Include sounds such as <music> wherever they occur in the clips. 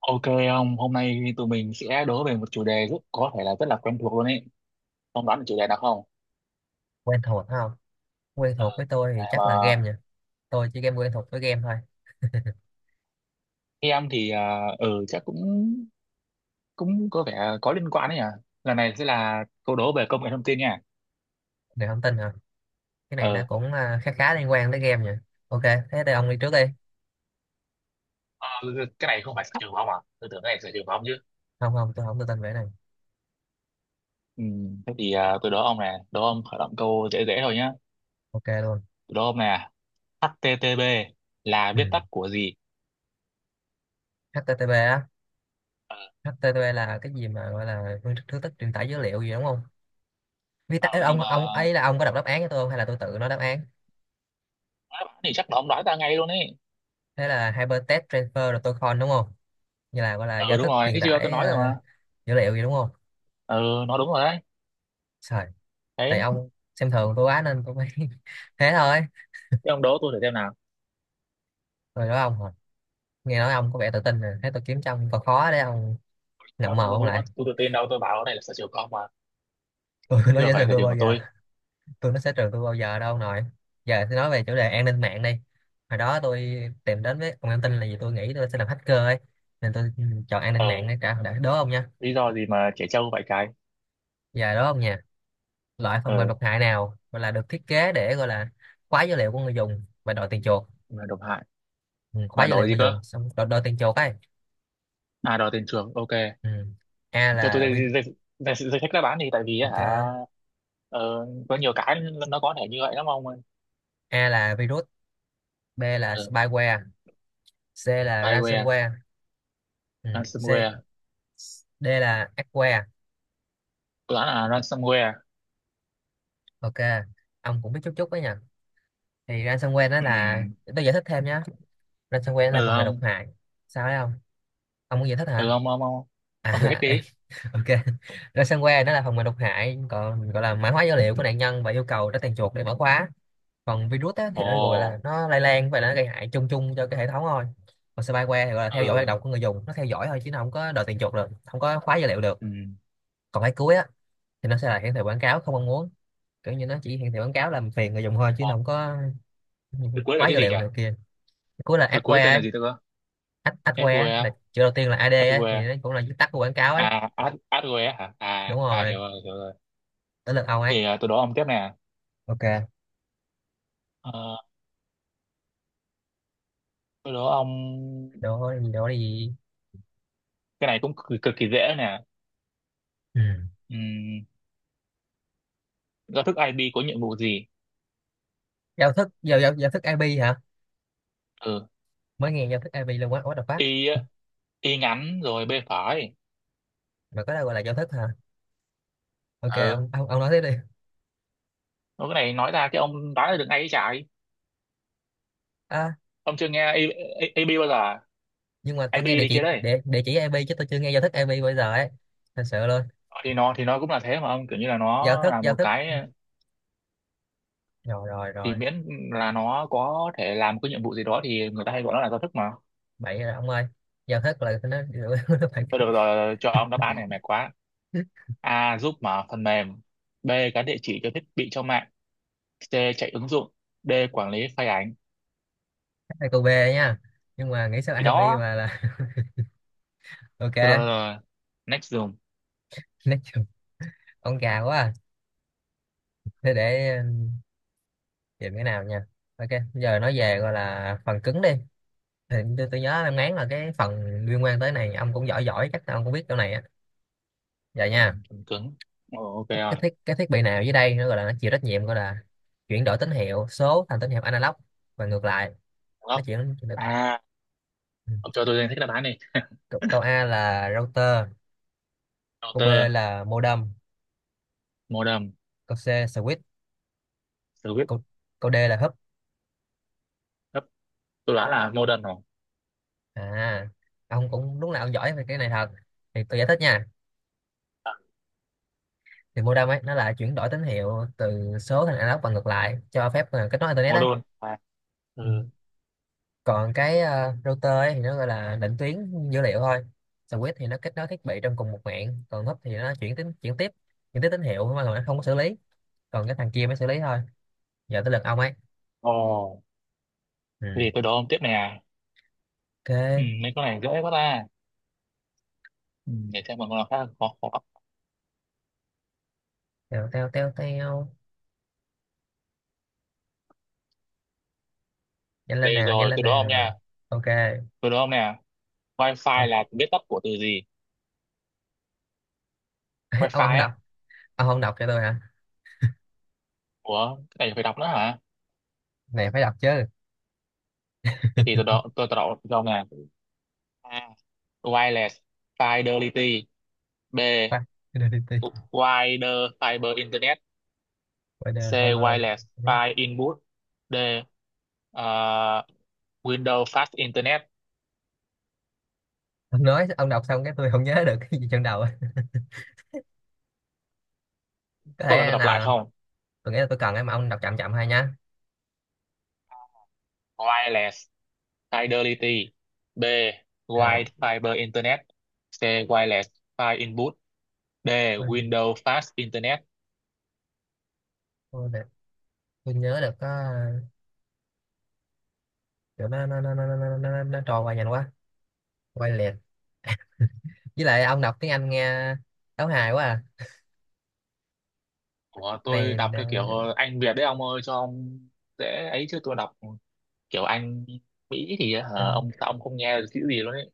Ok ông, hôm nay tụi mình sẽ đố về một chủ đề rất có thể là rất là quen thuộc luôn ấy. Ông đoán được chủ đề nào không? Quen thuộc phải không? Quen thuộc Ờ, với tôi chủ đề thì Mà chắc là game nha. Tôi chỉ game quen thuộc với game thôi. em thì à, ừ chắc cũng cũng có vẻ có liên quan đấy nhỉ. Lần này sẽ là câu đố về công nghệ thông tin nha. Người không tin hả? Cái này nó Ờ, cũng khá khá liên quan tới game nha. Ok, thế thì ông đi trước đi. ờ, cái này không phải sở trường của ông à? Tôi tưởng cái này sở trường của ông chứ. Không không, tôi không tự tin về cái này. ừ, thế thì tôi đố ông này, đố ông khởi động câu dễ dễ thôi nhá. Ok luôn. Tôi đố ông này, HTTP là ừ. viết tắt của gì? HTTP á. Ờ, HTTP là cái gì mà gọi là phương thức thứ tức truyền tải dữ liệu gì đúng không? Viết Ờ, tắt ấy, nhưng ông mà ông ấy là ông có đọc đáp án cho tôi không hay là tôi tự nói đáp án? nói bạn thì chắc là ông đoán ra ngay luôn ấy. Thế là hypertext transfer protocol đúng không? Như là gọi là Ừ giao đúng thức rồi, truyền thấy chưa? Tôi tải nói rồi mà. dữ liệu gì đúng không? ừ nó đúng rồi đấy Trời, tại đấy ông xem thường tôi quá nên tôi mới <laughs> thế thôi. Thế ông đố tôi thử xem nào. Rồi đó ông, nghe nói ông có vẻ tự tin nè, thấy tôi kiếm cho ông còn khó đấy ông. Nó Ngậm mồm không đố ông nó lại. tôi tự tin đâu, tôi bảo này là sở trường của ông mà, <laughs> Tôi chứ nó đâu sẽ phải trường sở tôi trường bao của giờ, tôi. tôi nó sẽ trường tôi bao giờ đâu ông nội. Giờ thì nói về chủ đề an ninh mạng đi. Hồi đó tôi tìm đến với ông an tin là vì tôi nghĩ tôi sẽ làm hacker ấy, nên tôi chọn an ừ ninh mạng để trả đã đố ông nha. Lý do gì mà trẻ trâu vậy cái. Giờ đố ông nha, loại phần mềm ừ độc hại nào gọi là được thiết kế để gọi là khóa dữ liệu của người dùng và đòi tiền chuộc. mà độc hại Ừ, Khóa và dữ đổi liệu gì người cơ? dùng xong đòi tiền chuộc ấy. À, đòi tiền chuộc, ok. Ừ. A Cho tôi là danh virus. danh danh danh sách đáp án đi, tại vì á Ok, hả? Có nhiều cái nó có thể như vậy lắm ông ơi. A là virus, B là ừ spyware, C là Spyware, ransomware. Ừ. C. ransomware. D là Aqua. Tôi đoán là ransomware. Ok, ông cũng biết chút chút đấy nhỉ. Thì ransomware nó là, ừ tôi giải thích thêm nhé, ransomware là ừ phần mềm độc ông hại. Sao đấy ông muốn giải thích ừ hả? ông ông ông ông giải thích à, đi. <laughs> ok. Ransomware nó là phần mềm độc hại, còn gọi là mã hóa dữ liệu của nạn nhân và yêu cầu trả tiền chuộc để mở khóa. Còn virus á, thì nó gọi là Ồ nó lây lan và nó gây hại chung chung cho cái hệ thống thôi. Còn spyware thì gọi là theo dõi hoạt ừ động của người dùng, nó theo dõi thôi chứ nó không có đòi tiền chuộc được, không có khóa dữ liệu được. ừ Còn cái cuối á, thì nó sẽ là hiển thị quảng cáo không mong muốn, kiểu như nó chỉ hiển thị quảng cáo làm phiền người dùng thôi chứ Ờ, nó không có cái cuối là khóa cái dữ gì nhỉ? liệu này kia. Cuối là Cái cuối adware tên là ấy, gì tôi cơ? Adware á, là chữ đầu tiên là ad FWE, ấy, thì FWE. nó cũng là viết tắt của quảng cáo ấy. À, Ad- AdWe hả? Đúng À, à rồi, hiểu rồi, hiểu rồi. tới lượt ông ấy. Tôi đố ông tiếp nè. Ok, Ờ, tôi đố ông, đó gì đó gì. cái này cũng cực, cực kỳ dễ nè. ừ. Ừm, Giao thức IP có nhiệm vụ gì? Giao thức IP hả? Ừ, Mới nghe giao thức IP luôn, quá what the fuck. Y á, Y ngắn rồi B phải. Mà có đâu gọi là giao thức hả? Ok Ừ, ông nói tiếp đi. nói cái này nói ra cái ông đoán được ngay cái chạy. à, Ông chưa nghe IP bao giờ? À? nhưng mà tôi nghe IP địa đi chỉ kia đấy. Địa chỉ IP chứ tôi chưa nghe giao thức IP bao giờ ấy. Thật sự luôn. Thì nó cũng là thế mà ông, kiểu như là giao nó thức là giao một thức cái Rồi rồi thì rồi miễn là nó có thể làm cái nhiệm vụ gì đó thì người ta hay gọi nó là giao thức mà. Bậy rồi ông ơi, giao thức là nó <laughs> nó phải. Thôi được rồi, cho ông đáp án này mệt quá. A. Giúp mở phần mềm. B. Gắn địa chỉ cho thiết bị trong mạng. C. Chạy ứng dụng. D. Quản lý file ảnh. Ai cô B nha, nhưng mà nghĩ sao Thì IP đó. mà là <laughs> ok. Rồi, rồi, rồi. Next dùng. Nói chung ông già quá à. Thế để tìm cái nào nha. Ok, giờ nói về gọi là phần cứng đi. Thì tôi nhớ em ngán là cái phần liên quan tới này ông cũng giỏi giỏi, chắc ông cũng biết chỗ này á. Giờ Ừ, nha, Phần cứng. Ồ, ok rồi. Cái thiết bị nào dưới đây nó gọi là nó chịu trách nhiệm gọi là chuyển đổi tín hiệu số thành tín hiệu analog và ngược lại. Nó Gấp. chuyển. À, ông cho tôi danh sách đáp án đi. Câu câu A là router, câu B Router, là modem, modem, câu C switch, service. câu câu D là húp. Gấp. Tôi đoán là modem rồi. À, ông cũng lúc nào ông giỏi về cái này thật. Thì tôi giải thích nha. À, Thì modem ấy nó là chuyển đổi tín hiệu từ số thành analog và ngược lại, cho phép kết nối internet ấy. modem. À, Ừ. ừ. Còn cái router ấy thì nó gọi là định tuyến dữ liệu thôi. Switch thì nó kết nối thiết bị trong cùng một mạng. Còn húp thì nó chuyển tín chuyển tiếp, chuyển tiếp tín hiệu mà nó không có xử lý, còn cái thằng kia mới xử lý thôi. Giờ tới lượt ông ấy. Ồ, thế Ừ. thì tôi đố ông tiếp nè. Ừ, Ok. mấy con này dễ quá ta. Ừ, để xem một con nào khác khó khó. Teo teo teo teo, nhanh lên Đây nào nhanh rồi, lên tôi đố ông nào. nha. Ok. Tôi đố ông nè. Wi-Fi Ờ, là viết tắt của từ gì? <laughs> ông Wi-Fi ông đọc. á? Ông không đọc cho tôi hả? Ủa, cái này phải đọc nữa hả? Này phải đọc chứ. Thế thì tôi đọc đâu nè. A. Wireless Fidelity. B. Qua- identity, Wider Fiber Internet. wider C. hyper. Wireless File Input. D. ờ, Windows Fast Internet. Ông nói ông đọc xong cái tôi không nhớ được cái gì trong đầu, có Có cần tôi thể đọc lại nào. không? Tôi nghĩ là tôi cần ấy, mà ông đọc chậm chậm hay nhá. Wireless Fidelity. B. Ok. Wide Fiber Internet. C. Wireless File Input. D. tôi, Windows Fast Internet. tôi, để- tôi nhớ được có kiểu nó trôi qua nhanh quá, quay liệt. Với lại ông đọc tiếng Anh nghe đấu hài quá à. Ủa, Này tôi đọc theo kiểu Anh Việt đấy ông ơi, cho ông dễ ấy chứ tôi đọc kiểu Anh Mỹ thì hả, ông anh, sao ông không nghe được chữ gì luôn ấy.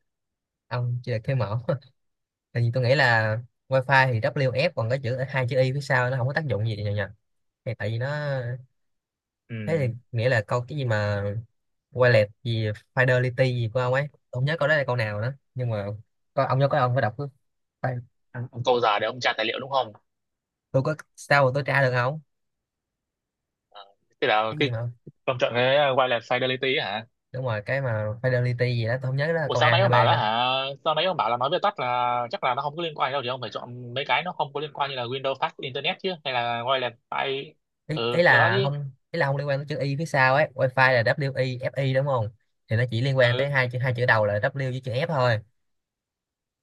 ông chưa được cái mẫu <laughs> tại vì tôi nghĩ là wifi thì WF, còn có chữ hai chữ y phía sau nó không có tác dụng gì nhờ nhờ. Thì tại vì nó, thế ừ. thì nghĩa là câu cái gì mà Wallet gì Fidelity gì của ông ấy, tôi không nhớ câu đó là câu nào nữa, nhưng mà có ông nhớ, có ông phải đọc cái. Ông câu giờ để ông tra tài liệu đúng không? Tôi có sao mà tôi tra được không? Thế là Cái gì cái mà ông chọn cái wireless fidelity ấy hả? đúng rồi, cái mà Fidelity gì đó, tôi không nhớ đó là Ủa câu sao A nãy hay ông bảo B là nữa. hả, sao nãy ông bảo là nói viết tắt là chắc là nó không có liên quan đâu thì ông phải chọn mấy cái nó không có liên quan như là Windows Fast Internet chứ, hay là wireless file. Ừ, Ý cái đó là chứ. không, ý là không liên quan tới chữ Y phía sau ấy. Wi-Fi là W I F I đúng không? Thì nó chỉ liên quan tới ừ hai chữ đầu là W với chữ F thôi.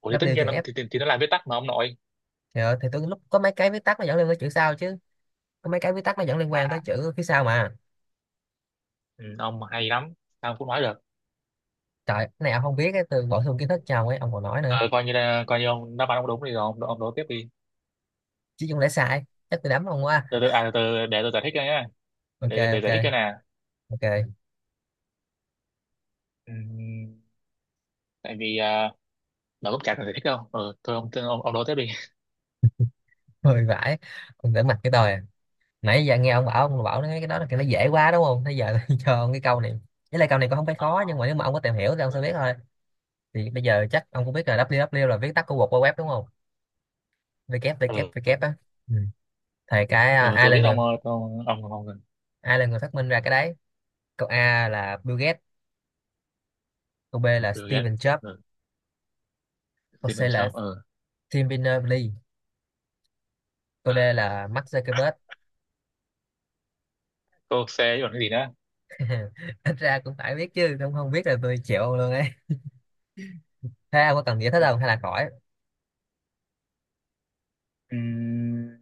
Ủa thì tất W chữ nhiên nó- F. thì nó là viết tắt mà ông nội. Thì, thì tôi lúc có mấy cái viết tắt nó dẫn liên quan tới chữ sau chứ, có mấy cái viết tắt nó dẫn liên quan tới À, chữ phía sau mà. ừ, ông hay lắm, sao cũng nói được. Trời, cái này ông không biết ấy, tôi bổ sung kiến thức cho ông ấy ông còn nói nữa. Ờ, coi như là coi như ông đáp án ông đúng thì rồi ông đố tiếp đi. Chứ không lẽ sai, chắc tôi đấm ông quá. Từ từ à từ từ để tôi giải thích cho nhé, Ok. Để Ok. giải thích cho nè. Ok. Ừm, Tại vì à, nó cũng chả cần giải thích đâu, ừ, thôi ông đố tiếp đi. Hơi vãi, ông đỡ mặt cái tôi à. Nãy giờ nghe ông bảo, ông bảo nói cái đó là cái nó dễ quá đúng không, thế giờ <laughs> tôi cho ông cái câu này. Với lại câu này cũng không phải khó, nhưng mà nếu mà ông có tìm hiểu thì ông sẽ biết ừ, thôi. Thì bây giờ chắc ông cũng biết là www là viết tắt của World Wide Web đúng không? ừ, Www á. Ừ. Thì cái ừ, ai tôi là biết người, ông ông. ai là người phát minh ra cái đấy? Câu A là Bill Gates, câu B là Ừ, ghét. Steven Jobs, Ừ, câu C Steven là Jobs, ừ. Tim Berners-Lee, câu D là Mark Zuckerberg. Cô xe còn cái gì nữa? <laughs> Ít ra cũng phải biết chứ, không không biết là tôi chịu ông luôn ấy. Thế ông có cần giải thích không hay là khỏi? Ừm,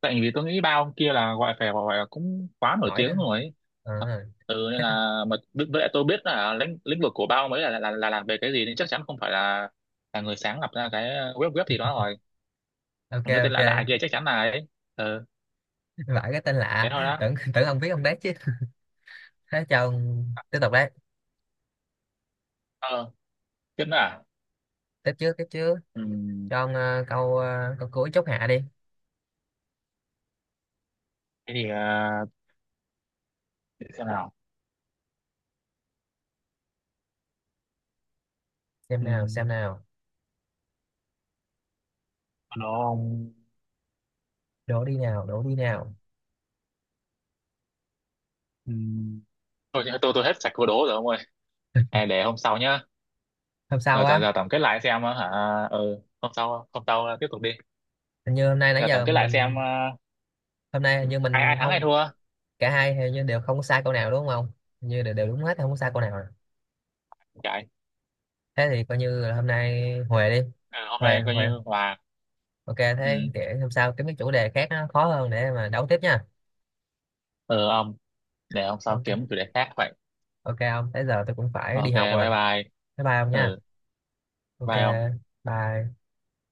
tại vì tôi nghĩ ba ông kia là gọi phải gọi là cũng quá nổi Nổi đó. tiếng rồi ấy. Ờ, Ờ, ừ nên thế thôi. là mà bi- với lại tôi biết là lĩnh lĩnh vực của ba ông ấy là làm về cái gì nên chắc chắn không phải là người sáng lập ra cái web web gì đó rồi. Ok. Còn cái tên Ok. lạ lạ kia chắc chắn là ấy. Ừ, Vãi cái tên thế lạ. thôi đó. Tưởng Tưởng ông biết ông đấy chứ. Thế cho ông tiếp tục đấy. Ờ, tiếp nữa à? Tiếp trước. ừ. Cho ông câu, câu cuối chốt hạ đi. Thế thì để xem nào. Ừ. Xem nào. nó ông Đổ đi nào. ừ. Thôi tôi hết sạch câu đố rồi ông ơi, à, để hôm sau nhá. Hôm sau Rồi á? giờ tổng kết lại xem hả, ừ hôm sau, hôm sau tiếp tục đi. Hình như hôm nay nãy Giờ tổng giờ kết lại xem mình, hôm nay hình như ai mình ai thắng ai không, thua. cả hai hình như đều không có sai câu nào đúng không? Hình như đều đúng hết, không có sai câu nào. Chạy. Thế thì coi như là hôm nay huề đi. Ờ, hôm Huề nay coi huề. như hòa. Ok, thế ừ để hôm sau kiếm cái chủ đề khác nó khó hơn để mà đấu tiếp nha. ừ ông, để hôm sau Ok. kiếm chủ đề khác vậy. Ok ông, tới giờ tôi cũng phải đi Ok học rồi. bye bye. Bye bye ông nha. Ừ, Ok. bye ông. Bye.